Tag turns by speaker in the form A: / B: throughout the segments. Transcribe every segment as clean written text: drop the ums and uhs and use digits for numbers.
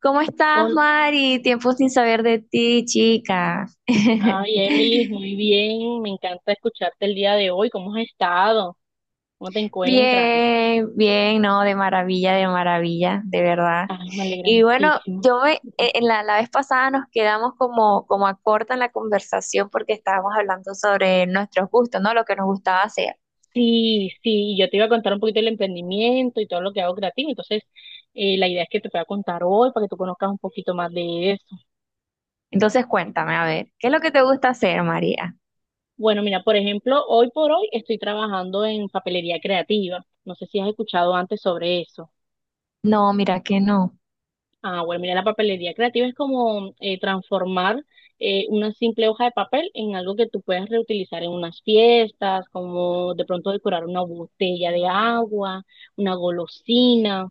A: ¿Cómo estás,
B: Hola.
A: Mari? Tiempo sin saber de ti, chica.
B: Ay, Emily, muy bien. Me encanta escucharte el día de hoy. ¿Cómo has estado? ¿Cómo te encuentras?
A: Bien, bien, no, de maravilla, de maravilla, de verdad.
B: Ay, me alegra
A: Y bueno,
B: muchísimo.
A: en la vez pasada nos quedamos como, como a corta en la conversación porque estábamos hablando sobre nuestros gustos, ¿no? Lo que nos gustaba hacer.
B: Sí, sí, yo te iba a contar un poquito del emprendimiento y todo lo que hago creativo. Entonces, la idea es que te pueda contar hoy para que tú conozcas un poquito más de eso.
A: Entonces, cuéntame, a ver, ¿qué es lo que te gusta hacer, María?
B: Bueno, mira, por ejemplo, hoy por hoy estoy trabajando en papelería creativa. No sé si has escuchado antes sobre eso.
A: No, mira que no.
B: Ah, bueno, mira, la papelería creativa es como transformar una simple hoja de papel en algo que tú puedas reutilizar en unas fiestas, como de pronto decorar una botella de agua, una golosina.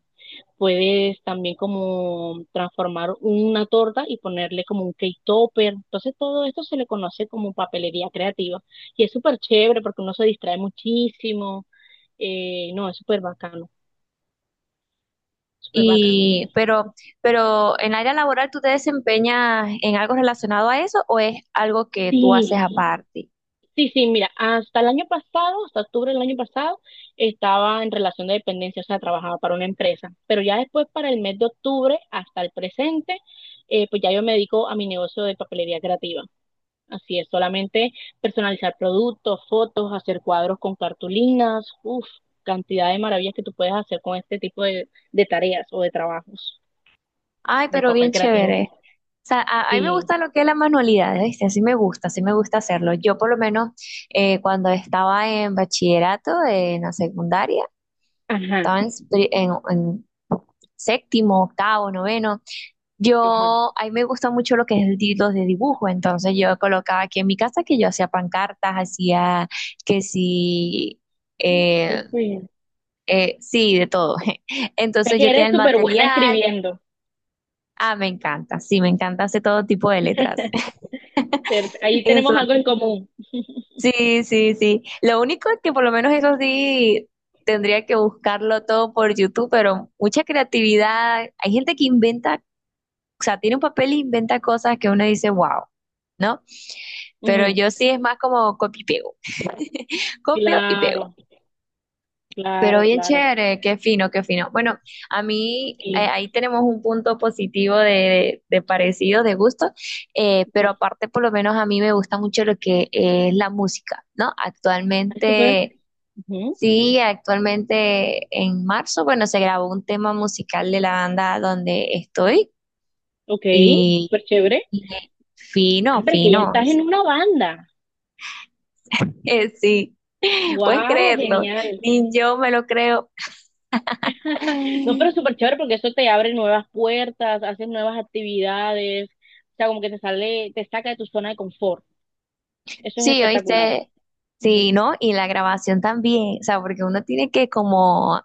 B: Puedes también como transformar una torta y ponerle como un cake topper. Entonces todo esto se le conoce como papelería creativa y es súper chévere porque uno se distrae muchísimo. No, es súper bacano, súper bacano.
A: Y, pero, pero en el área laboral, ¿tú te desempeñas en algo relacionado a eso o es algo que tú haces
B: Sí.
A: aparte?
B: Sí, sí, mira, hasta el año pasado, hasta octubre del año pasado, estaba en relación de dependencia, o sea, trabajaba para una empresa, pero ya después para el mes de octubre hasta el presente, pues ya yo me dedico a mi negocio de papelería creativa. Así es, solamente personalizar productos, fotos, hacer cuadros con cartulinas, uff, cantidad de maravillas que tú puedes hacer con este tipo de tareas o de trabajos
A: Ay,
B: de
A: pero
B: papel
A: bien
B: creativo.
A: chévere. O sea, a mí me
B: Sí,
A: gusta lo que es la manualidad, ¿viste? Así me gusta hacerlo. Yo por lo menos cuando estaba en bachillerato, en la secundaria,
B: ajá,
A: estaba en séptimo, octavo, noveno.
B: ajá.
A: Yo, a mí me gusta mucho lo que es el título de dibujo, entonces yo colocaba aquí en mi casa que yo hacía pancartas, hacía que sí, eh,
B: Súper. O
A: sí, de todo.
B: sea
A: Entonces
B: que
A: yo tenía
B: eres
A: el
B: súper buena
A: material.
B: escribiendo.
A: Ah, me encanta, sí, me encanta hacer todo tipo de letras.
B: Pero ahí tenemos
A: Eso,
B: algo en común.
A: sí, sí, sí. Lo único es que por lo menos eso sí tendría que buscarlo todo por YouTube, pero mucha creatividad. Hay gente que inventa, o sea, tiene un papel e inventa cosas que uno dice, wow, ¿no? Pero
B: Ujú.
A: yo sí es más como copio y pego. Copio y pego.
B: Claro,
A: Pero
B: claro,
A: bien
B: claro.
A: chévere, qué fino, qué fino. Bueno, a mí
B: Sí.
A: ahí tenemos un punto positivo de parecido, de gusto,
B: Ujú.
A: pero aparte por lo menos a mí me gusta mucho lo que es la música, ¿no?
B: Ah, súper.
A: Actualmente,
B: Ujú.
A: sí, actualmente en marzo, bueno, se grabó un tema musical de la banda donde estoy
B: Ok,
A: y,
B: súper chévere.
A: y
B: Ah,
A: fino,
B: pero es que ya
A: fino.
B: estás en una banda.
A: Sí, puedes
B: Wow,
A: creerlo,
B: genial.
A: ni yo me lo creo.
B: No, pero súper chévere porque eso te abre nuevas puertas, haces nuevas actividades. O sea, como que te sale, te saca de tu zona de confort. Eso es
A: Sí,
B: espectacular.
A: oíste,
B: Ujú.
A: sí, ¿no? Y la grabación también, o sea, porque uno tiene que como, o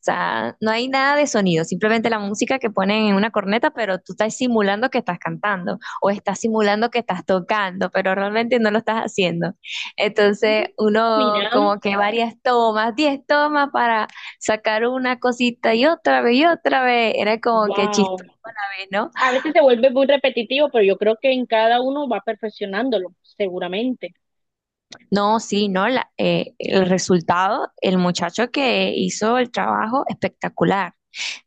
A: sea, no hay nada de sonido, simplemente la música que ponen en una corneta, pero tú estás simulando que estás cantando o estás simulando que estás tocando, pero realmente no lo estás haciendo. Entonces, uno
B: Mira,
A: como que varias tomas, 10 tomas para sacar una cosita y otra vez, era como que
B: wow.
A: chistoso, ¿no?
B: A veces se vuelve muy repetitivo, pero yo creo que en cada uno va perfeccionándolo, seguramente.
A: No, sí, no, el
B: Sí.
A: resultado, el muchacho que hizo el trabajo, espectacular.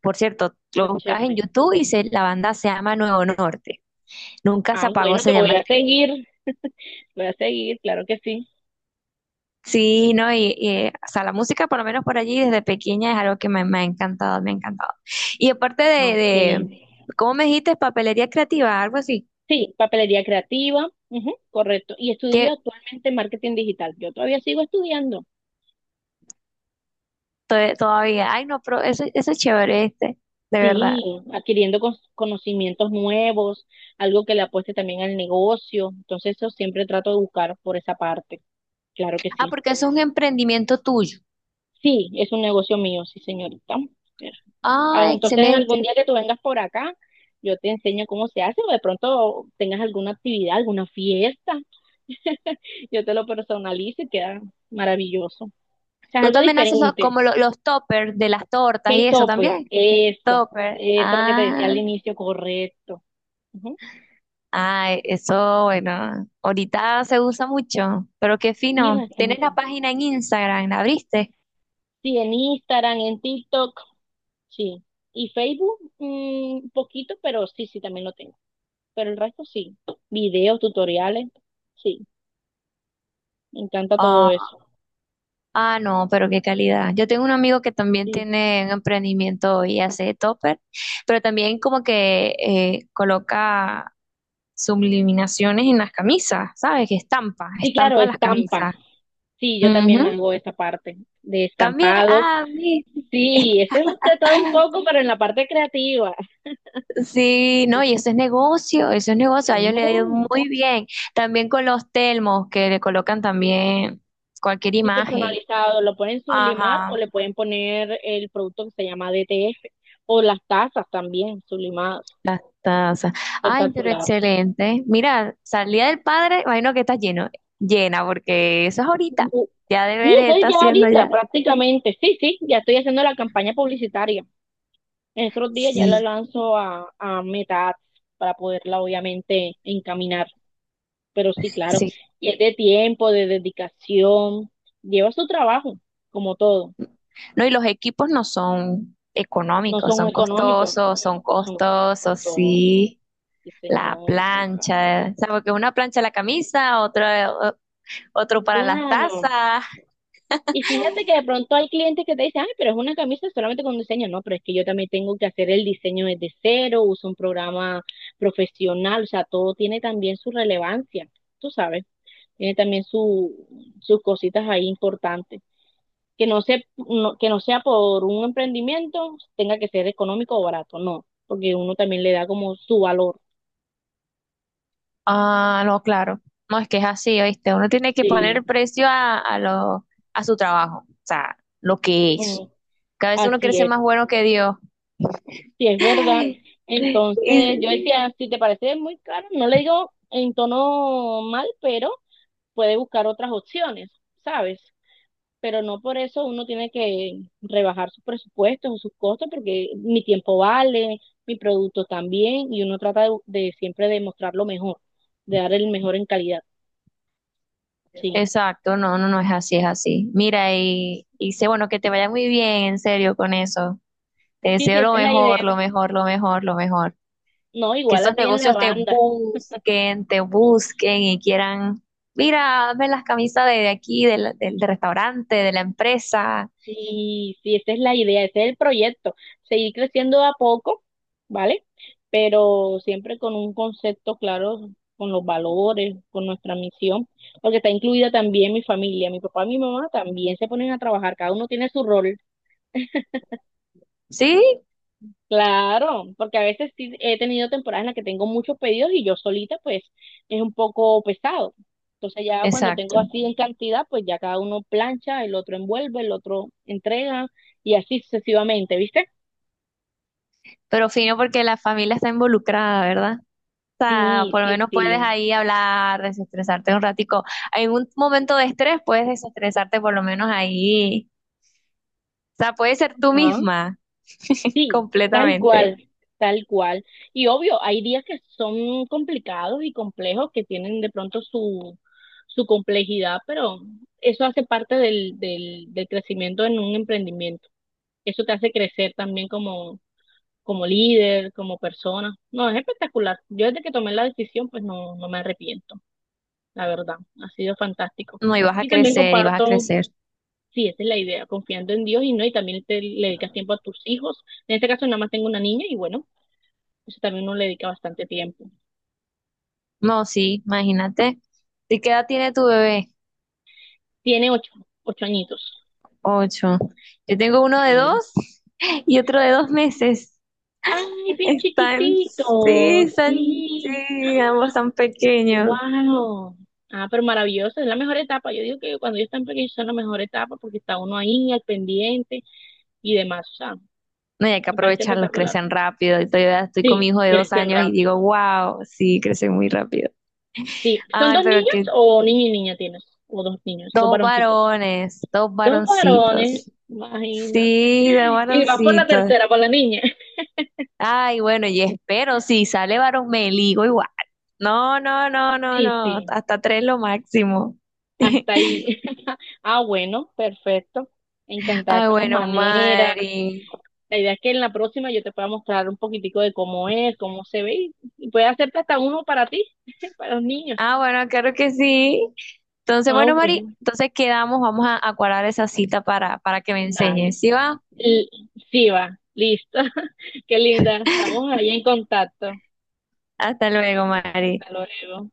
A: Por cierto, lo
B: Está
A: buscas en
B: chévere.
A: YouTube y la banda se llama Nuevo Norte. Nunca se
B: Ah,
A: apagó,
B: bueno, te
A: se llama el tema.
B: voy a seguir, claro que sí.
A: Sí, no, y, o sea, la música, por lo menos por allí, desde pequeña es algo que me ha encantado, me ha encantado. Y aparte
B: Ok.
A: ¿cómo me dijiste? Papelería creativa, algo así,
B: Sí, papelería creativa, ujú, correcto. Y estudio
A: que
B: actualmente marketing digital. Yo todavía sigo estudiando.
A: todavía, ay, no, pero eso es chévere este, de verdad.
B: Sí, adquiriendo conocimientos nuevos, algo que le apueste también al negocio. Entonces, eso siempre trato de buscar por esa parte. Claro que
A: Ah,
B: sí.
A: porque eso es un emprendimiento tuyo.
B: Sí, es un negocio mío, sí, señorita. Ver. Ah,
A: Ah,
B: entonces,
A: excelente.
B: algún día que tú vengas por acá, yo te enseño cómo se hace o de pronto tengas alguna actividad, alguna fiesta. Yo te lo personalizo y queda maravilloso. O sea, es
A: Tú
B: algo
A: también haces los,
B: diferente.
A: como los toppers de las tortas y eso
B: K-Topper,
A: también.
B: eso.
A: Topper.
B: Eso es lo que te decía al
A: Ah,
B: inicio, correcto. Ujú.
A: ay, eso, bueno, ahorita se usa mucho, pero qué
B: Sí,
A: fino. ¿Tienes la
B: bastante.
A: página en Instagram? ¿La abriste?
B: Sí, en Instagram, en TikTok, sí. Y Facebook, un poquito, pero sí, sí, también lo tengo. Pero el resto sí. Videos, tutoriales, sí. Me encanta todo
A: Ah,
B: eso.
A: ah, no, pero qué calidad. Yo tengo un amigo que también
B: Sí,
A: tiene un emprendimiento y hace topper, pero también como que coloca subliminaciones en las camisas, ¿sabes? Que estampa,
B: sí, claro,
A: estampa las
B: estampa.
A: camisas.
B: Sí, yo también
A: Ujú.
B: hago esa parte de
A: También,
B: estampados.
A: ah, vi.
B: Sí, este es de todo un poco, pero en la parte creativa.
A: Sí, no, y eso es negocio, a ellos le ha ido
B: Claro.
A: muy bien. También con los telmos que le colocan también cualquier
B: Y
A: imagen.
B: personalizado, lo pueden sublimar o
A: Ajá,
B: le pueden poner el producto que se llama DTF o las tazas también sublimadas.
A: las tazas. Ay, pero
B: Espectacular.
A: excelente. Mira, salida del padre, imagino que está lleno, llena, porque eso es ahorita. Ya
B: Sí,
A: debería
B: eso es
A: estar
B: ya
A: haciendo
B: ahorita
A: ya.
B: prácticamente. Sí, sí, ya estoy haciendo la campaña publicitaria. En estos días ya la
A: Sí,
B: lanzo a Meta Ads para poderla obviamente encaminar. Pero sí, claro,
A: sí.
B: y es de tiempo, de dedicación, lleva su trabajo, como todo.
A: No, y los equipos no son
B: No
A: económicos,
B: son económicos,
A: son
B: son
A: costosos,
B: costosos.
A: sí.
B: Sí,
A: La
B: señora, son caros.
A: plancha, o sea, porque una plancha la camisa, otro para las
B: Claro.
A: tazas.
B: Y fíjate que de pronto hay clientes que te dicen, ay, pero es una camisa solamente con diseño. No, pero es que yo también tengo que hacer el diseño desde cero, uso un programa profesional, o sea, todo tiene también su relevancia, tú sabes. Tiene también sus cositas ahí importantes. Que no sea por un emprendimiento, tenga que ser económico o barato, no, porque uno también le da como su valor.
A: Ah, no, claro. No, es que es así, ¿oíste? Uno tiene que
B: Sí.
A: poner precio a lo, a su trabajo, o sea, lo que es.
B: Ujú.
A: Que a veces uno quiere
B: Así
A: ser
B: es.
A: más bueno que Dios.
B: Sí, es verdad.
A: Y-
B: Entonces yo decía, si te parece muy caro, no le digo en tono mal, pero puede buscar otras opciones, ¿sabes? Pero no por eso uno tiene que rebajar sus presupuestos o sus costos, porque mi tiempo vale, mi producto también, y uno trata de siempre de mostrar lo mejor, de dar el mejor en calidad. Sí,
A: exacto, no, no, no es así, es así. Mira, y sé, bueno, que te vaya muy bien, en serio, con eso. Te
B: sí, sí,
A: deseo lo
B: esa es la
A: mejor,
B: idea.
A: lo mejor, lo mejor, lo mejor.
B: No,
A: Que
B: igual a
A: esos
B: ti en la
A: negocios
B: banda.
A: te busquen y quieran, mira, hazme las camisas de aquí, del restaurante, de la empresa.
B: Sí, sí, esa es la idea, ese es el proyecto, seguir creciendo de a poco, ¿vale? Pero siempre con un concepto claro, con los valores, con nuestra misión, porque está incluida también mi familia, mi papá y mi mamá también se ponen a trabajar, cada uno tiene su rol,
A: Sí,
B: claro, porque a veces sí he tenido temporadas en las que tengo muchos pedidos y yo solita pues es un poco pesado. Entonces ya cuando tengo
A: exacto.
B: así en cantidad, pues ya cada uno plancha, el otro envuelve, el otro entrega y así sucesivamente, ¿viste?
A: Pero fino porque la familia está involucrada, ¿verdad? O sea,
B: Sí,
A: por lo
B: sí,
A: menos puedes
B: sí.
A: ahí hablar, desestresarte un ratico. En un momento de estrés puedes desestresarte por lo menos ahí. O sea, puedes ser tú
B: Ajá.
A: misma
B: Sí, tal
A: completamente.
B: cual, tal cual. Y obvio, hay días que son complicados y complejos, que tienen de pronto su, su complejidad, pero eso hace parte del crecimiento en un emprendimiento. Eso te hace crecer también como líder, como persona. No, es espectacular. Yo desde que tomé la decisión, pues no, no me arrepiento, la verdad. Ha sido fantástico.
A: No, y vas a
B: Y también
A: crecer, y vas a
B: comparto.
A: crecer.
B: Sí, esa es la idea, confiando en Dios y no, y también te le dedicas tiempo a tus hijos. En este caso nada más tengo una niña y bueno, eso también uno le dedica bastante tiempo.
A: No, sí, imagínate. ¿De qué edad tiene tu bebé?
B: Tiene 8, 8 añitos.
A: Ocho. Yo tengo uno de
B: Sí.
A: 2 y otro de 2 meses.
B: Ay, bien
A: Están, sí,
B: chiquitito,
A: están,
B: sí.
A: sí, ambos están pequeños.
B: Wow. Ah, pero maravilloso, es la mejor etapa. Yo digo que cuando ellos están pequeños son la mejor etapa porque está uno ahí al pendiente y demás. O sea,
A: No, y hay que
B: me parece
A: aprovecharlos,
B: espectacular.
A: crecen rápido. Y todavía estoy con mi
B: Sí,
A: hijo de 2
B: crecen
A: años y
B: rápido.
A: digo, wow, sí, crecen muy rápido.
B: Sí, ¿son
A: Ay,
B: dos
A: pero
B: niños
A: que
B: o niño y niña tienes? O dos niños, dos
A: dos
B: varoncitos.
A: varones, dos
B: Dos varones,
A: varoncitos.
B: imagínate.
A: Sí, dos
B: Y vas por la
A: varoncitos.
B: tercera, por la niña.
A: Ay, bueno, y espero, si sale varón, me ligo igual. No, no, no, no,
B: Sí,
A: no,
B: sí,
A: hasta 3 lo máximo.
B: hasta ahí. Ah, bueno, perfecto. Encantada de
A: Ah,
B: todas
A: bueno,
B: maneras.
A: Mari.
B: La idea es que en la próxima yo te pueda mostrar un poquitico de cómo es, cómo se ve y puede hacerte hasta uno para ti, para los niños.
A: Ah, bueno, claro que sí. Entonces,
B: Ah,
A: bueno, Mari,
B: bueno,
A: entonces quedamos, vamos a cuadrar esa cita para que me
B: dale.
A: enseñes. ¿Sí va?
B: L- sí, va, listo. Qué linda, estamos ahí en contacto.
A: Hasta luego, Mari.
B: Hasta luego.